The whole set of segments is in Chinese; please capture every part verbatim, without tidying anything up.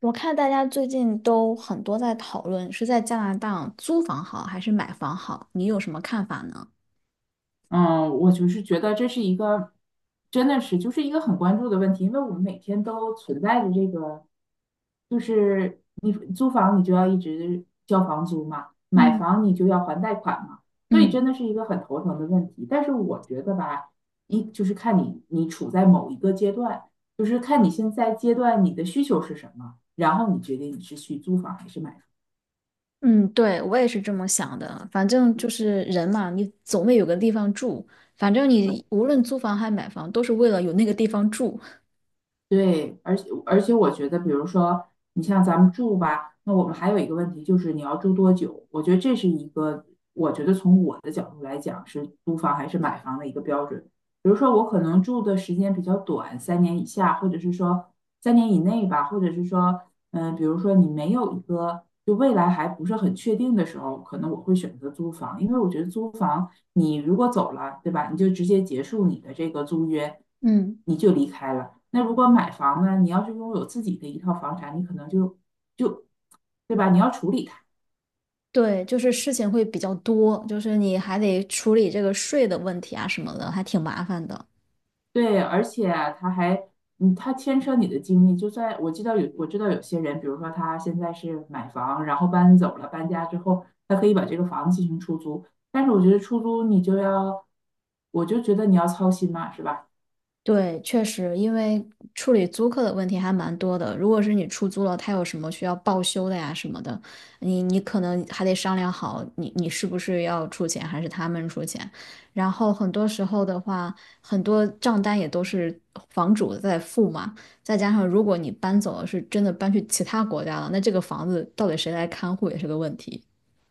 我看大家最近都很多在讨论是在加拿大租房好还是买房好，你有什么看法呢？嗯，我就是觉得这是一个，真的是就是一个很关注的问题，因为我们每天都存在着这个，就是你租房你就要一直交房租嘛，买嗯房你就要还贷款嘛，所以真嗯的是一个很头疼的问题。但是我觉得吧，一就是看你你处在某一个阶段，就是看你现在阶段你的需求是什么，然后你决定你是去租房还是买房。嗯，对，我也是这么想的。反正嗯，就是人嘛，你总得有个地方住。反正你无论租房还买房，都是为了有那个地方住。对，而且而且我觉得，比如说你像咱们住吧，那我们还有一个问题就是你要住多久？我觉得这是一个，我觉得从我的角度来讲是租房还是买房的一个标准。比如说我可能住的时间比较短，三年以下，或者是说三年以内吧，或者是说嗯，比如说你没有一个就未来还不是很确定的时候，可能我会选择租房，因为我觉得租房你如果走了，对吧？你就直接结束你的这个租约，嗯你就离开了。那如果买房呢，你要是拥有自己的一套房产，你可能就就对吧？你要处理它。对，就是事情会比较多，就是你还得处理这个税的问题啊什么的，还挺麻烦的。对，而且啊他还，嗯，他牵扯你的精力。就算我知道有，我知道有些人，比如说他现在是买房，然后搬走了，搬家之后，他可以把这个房子进行出租。但是我觉得出租你就要，我就觉得你要操心嘛，是吧？对，确实，因为处理租客的问题还蛮多的。如果是你出租了，他有什么需要报修的呀什么的，你你可能还得商量好你，你是不是要出钱，还是他们出钱。然后很多时候的话，很多账单也都是房主在付嘛。再加上如果你搬走了，是真的搬去其他国家了，那这个房子到底谁来看护也是个问题。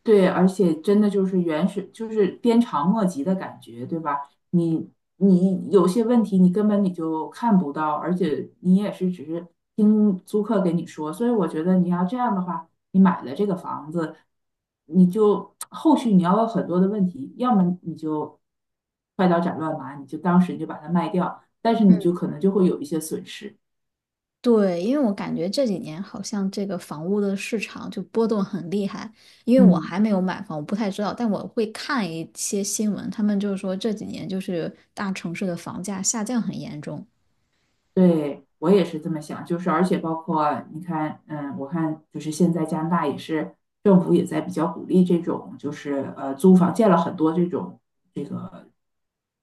对，而且真的就是原始，就是鞭长莫及的感觉，对吧？你你有些问题你根本你就看不到，而且你也是只是听租客给你说，所以我觉得你要这样的话，你买了这个房子，你就后续你要有很多的问题，要么你就快刀斩乱麻，你就当时你就把它卖掉，但是你就可能就会有一些损失，对，因为我感觉这几年好像这个房屋的市场就波动很厉害，因为我嗯。还没有买房，我不太知道，但我会看一些新闻，他们就是说这几年就是大城市的房价下降很严重。对，我也是这么想，就是而且包括你看，嗯，我看就是现在加拿大也是政府也在比较鼓励这种，就是呃租房建了很多这种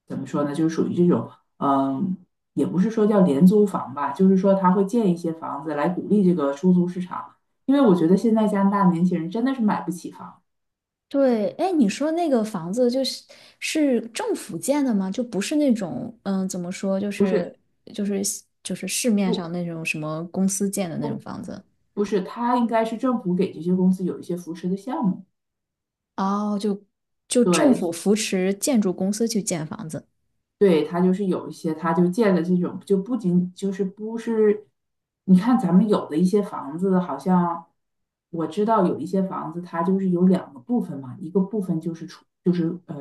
怎么说呢，就是属于这种，嗯，也不是说叫廉租房吧，就是说他会建一些房子来鼓励这个出租市场，因为我觉得现在加拿大年轻人真的是买不起房，对，哎，你说那个房子就是是政府建的吗？就不是那种嗯，怎么说，就不是是就是就是市面不上那种什么公司建的那种不房子？不是，他应该是政府给这些公司有一些扶持的项目。哦，就就政府对，扶持建筑公司去建房子。对，它就是有一些，它就建了这种，就不仅就是不是，你看咱们有的一些房子，好像我知道有一些房子，它就是有两个部分嘛，一个部分就是出就是呃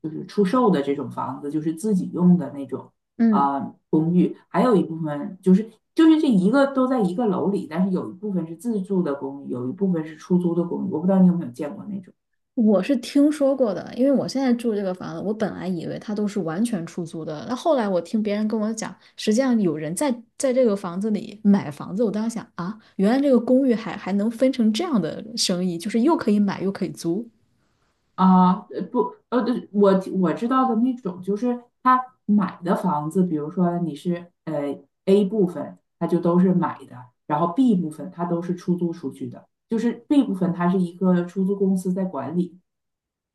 就是出售的这种房子，就是自己用的那种嗯。啊、公寓，还有一部分就是就是这一个都在一个楼里，但是有一部分是自住的公寓，有一部分是出租的公寓，我不知道你有没有见过那种。我是听说过的，因为我现在住这个房子，我本来以为它都是完全出租的，那后来我听别人跟我讲，实际上有人在在这个房子里买房子，我当时想啊，原来这个公寓还还能分成这样的生意，就是又可以买又可以租。啊，呃不，呃，对，我我知道的那种，就是他买的房子，比如说你是呃 A 部分，他就都是买的，然后 B 部分他都是出租出去的，就是 B 部分它是一个出租公司在管理。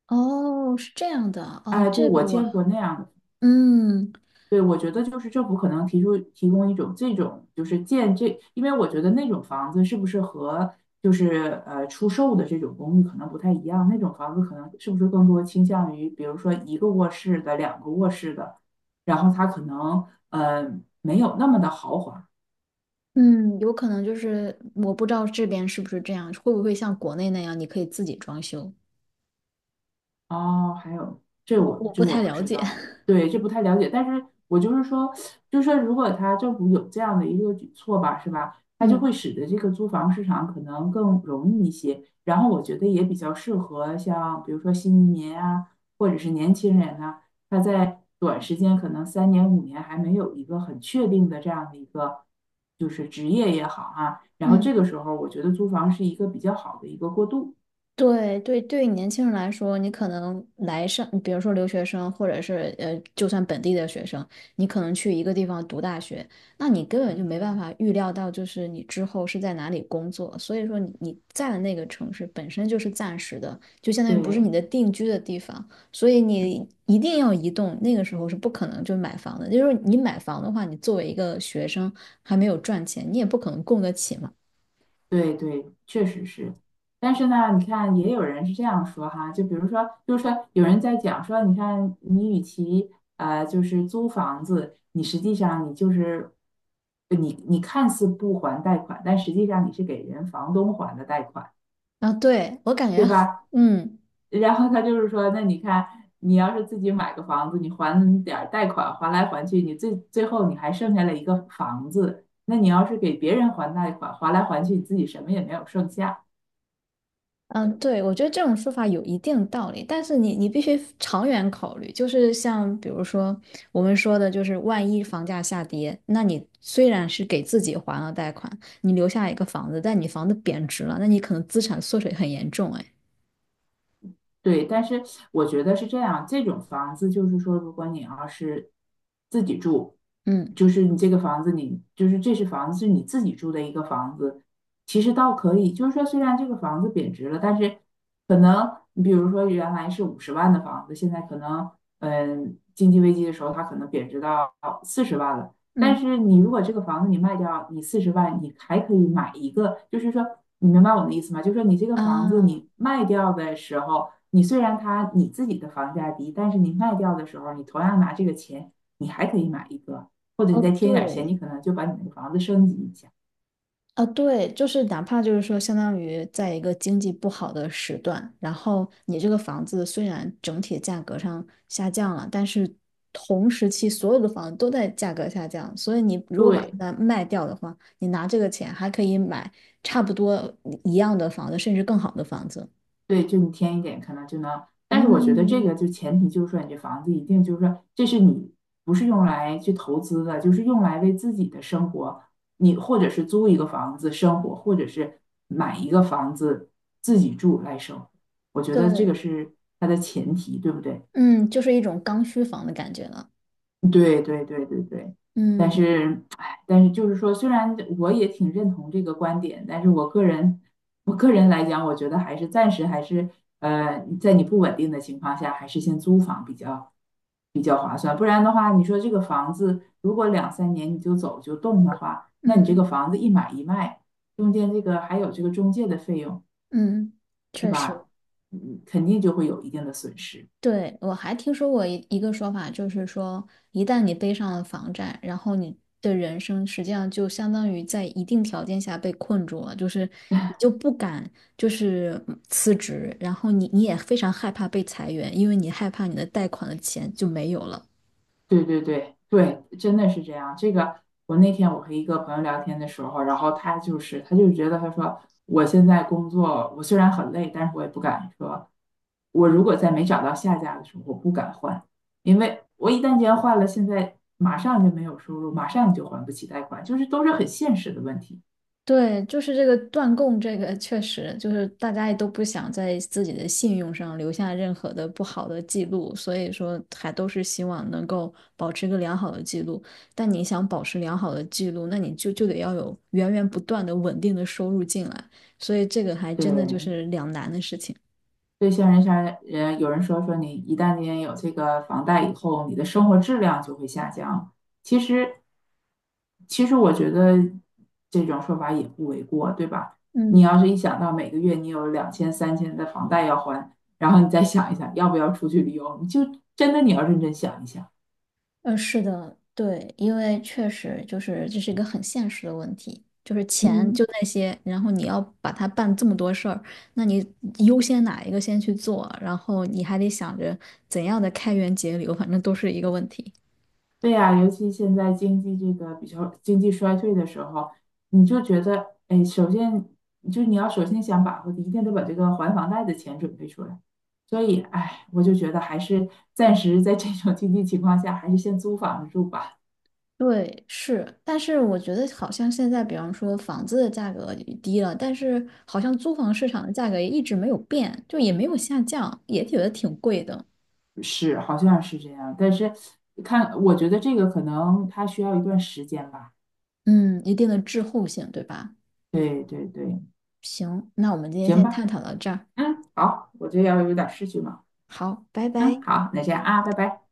哦，是这样的，哦，哎，对，这我个我，见过那样的。嗯对，我觉得就是政府可能提出提供一种这种就是建这，因为我觉得那种房子是不是和就是呃出售的这种公寓可能不太一样，那种房子可能是不是更多倾向于比如说一个卧室的、两个卧室的，然后它可能呃没有那么的豪华。嗯，有可能就是我不知道这边是不是这样，会不会像国内那样，你可以自己装修，哦，还有这我我我这不我太不了知解，道，对，这不太了解。但是我就是说，就是说，如果他政府有这样的一个举措吧，是吧？它就会嗯使得这个租房市场可能更容易一些。然后我觉得也比较适合像比如说新移民啊，或者是年轻人呐、他在短时间可能三年五年还没有一个很确定的这样的一个就是职业也好啊，然后这嗯。个时候我觉得租房是一个比较好的一个过渡。对对，对于年轻人来说，你可能来上，比如说留学生，或者是呃，就算本地的学生，你可能去一个地方读大学，那你根本就没办法预料到，就是你之后是在哪里工作。所以说你，你在的那个城市本身就是暂时的，就相当于不是对，你的定居的地方，所以你一定要移动。那个时候是不可能就买房的，就是你买房的话，你作为一个学生还没有赚钱，你也不可能供得起嘛。对对，确实是。但是呢，你看，也有人是这样说哈，就比如说，就是说，有人在讲说，你看，你与其呃，就是租房子，你实际上你就是你你看似不还贷款，但实际上你是给人房东还的贷款，啊，对，我感觉，对吧？嗯。然后他就是说，那你看，你要是自己买个房子，你还点儿贷款，还来还去，你最最后你还剩下了一个房子，那你要是给别人还贷款，还来还去，你自己什么也没有剩下。嗯，对，我觉得这种说法有一定道理，但是你你必须长远考虑，就是像比如说我们说的，就是万一房价下跌，那你虽然是给自己还了贷款，你留下一个房子，但你房子贬值了，那你可能资产缩水很严重，哎，对，但是我觉得是这样，这种房子就是说，如果你要是自己住，嗯就是你这个房子你，就是这是房子是你自己住的一个房子，其实倒可以，就是说虽然这个房子贬值了，但是可能你比如说原来是五十万的房子，现在可能嗯经济危机的时候它可能贬值到四十万了，但嗯是你如果这个房子你卖掉，你四十万你还可以买一个，就是说你明白我的意思吗？就是说你这个房子啊，你卖掉的时候。你虽然它你自己的房价低，但是你卖掉的时候，你同样拿这个钱，你还可以买一个，或者你哦，再添一点钱，对，你可能就把你那个房子升级一下。啊，对，就是哪怕就是说，相当于在一个经济不好的时段，然后你这个房子虽然整体价格上下降了，但是同时期所有的房子都在价格下降，所以你如果把对它卖掉的话，你拿这个钱还可以买差不多一样的房子，甚至更好的房子。对，就你添一点，可能就能。但是我觉得这嗯，个就前提就是说，你这房子一定就是说，这是你不是用来去投资的，就是用来为自己的生活，你或者是租一个房子生活，或者是买一个房子自己住来生活。我觉得这个对，是它的前提，对不对？嗯，就是一种刚需房的感觉了。对对对对对，但嗯是，哎，但是就是说，虽然我也挺认同这个观点，但是我个人，我个人来讲，我觉得还是暂时还是，呃，在你不稳定的情况下，还是先租房比较比较划算。不然的话，你说这个房子如果两三年你就走就动的话，那你这个嗯房子一买一卖，中间这个还有这个中介的费用，嗯，是确实。吧？嗯，肯定就会有一定的损失。对，我还听说过一一个说法，就是说，一旦你背上了房贷，然后你的人生实际上就相当于在一定条件下被困住了，就是你就不敢就是嗯辞职，然后你你也非常害怕被裁员，因为你害怕你的贷款的钱就没有了。对对对对，真的是这样。这个我那天我和一个朋友聊天的时候，然后他就是他就觉得他说我现在工作，我虽然很累，但是我也不敢说，我如果在没找到下家的时候，我不敢换，因为我一旦间换了，现在马上就没有收入，马上就还不起贷款，就是都是很现实的问题。对，就是这个断供，这个确实就是大家也都不想在自己的信用上留下任何的不好的记录，所以说还都是希望能够保持一个良好的记录。但你想保持良好的记录，那你就就得要有源源不断的稳定的收入进来，所以这个还真的就对，是两难的事情。对些人啥人，有人说说你一旦你有这个房贷以后，你的生活质量就会下降。其实，其实我觉得这种说法也不为过，对吧？你嗯。要是一想到每个月你有两千、三千的房贷要还，然后你再想一想要不要出去旅游，你就真的你要认真想一想。嗯，是的，对，因为确实就是这是一个很现实的问题，就是钱就嗯。那些，然后你要把它办这么多事儿，那你优先哪一个先去做，然后你还得想着怎样的开源节流，反正都是一个问题。对呀，尤其现在经济这个比较经济衰退的时候，你就觉得，哎，首先就你要首先想把握的，一定得把这个还房贷的钱准备出来。所以，哎，我就觉得还是暂时在这种经济情况下，还是先租房子住吧。对，是，但是我觉得好像现在，比方说房子的价格也低了，但是好像租房市场的价格也一直没有变，就也没有下降，也觉得挺贵的。是，好像是这样，但是看，我觉得这个可能它需要一段时间吧。嗯，一定的滞后性，对吧？对对对，行，那我们今天行先探吧，讨到这儿。嗯，好，我这要有点事情了，好，拜嗯，拜。好，那这样啊，拜拜。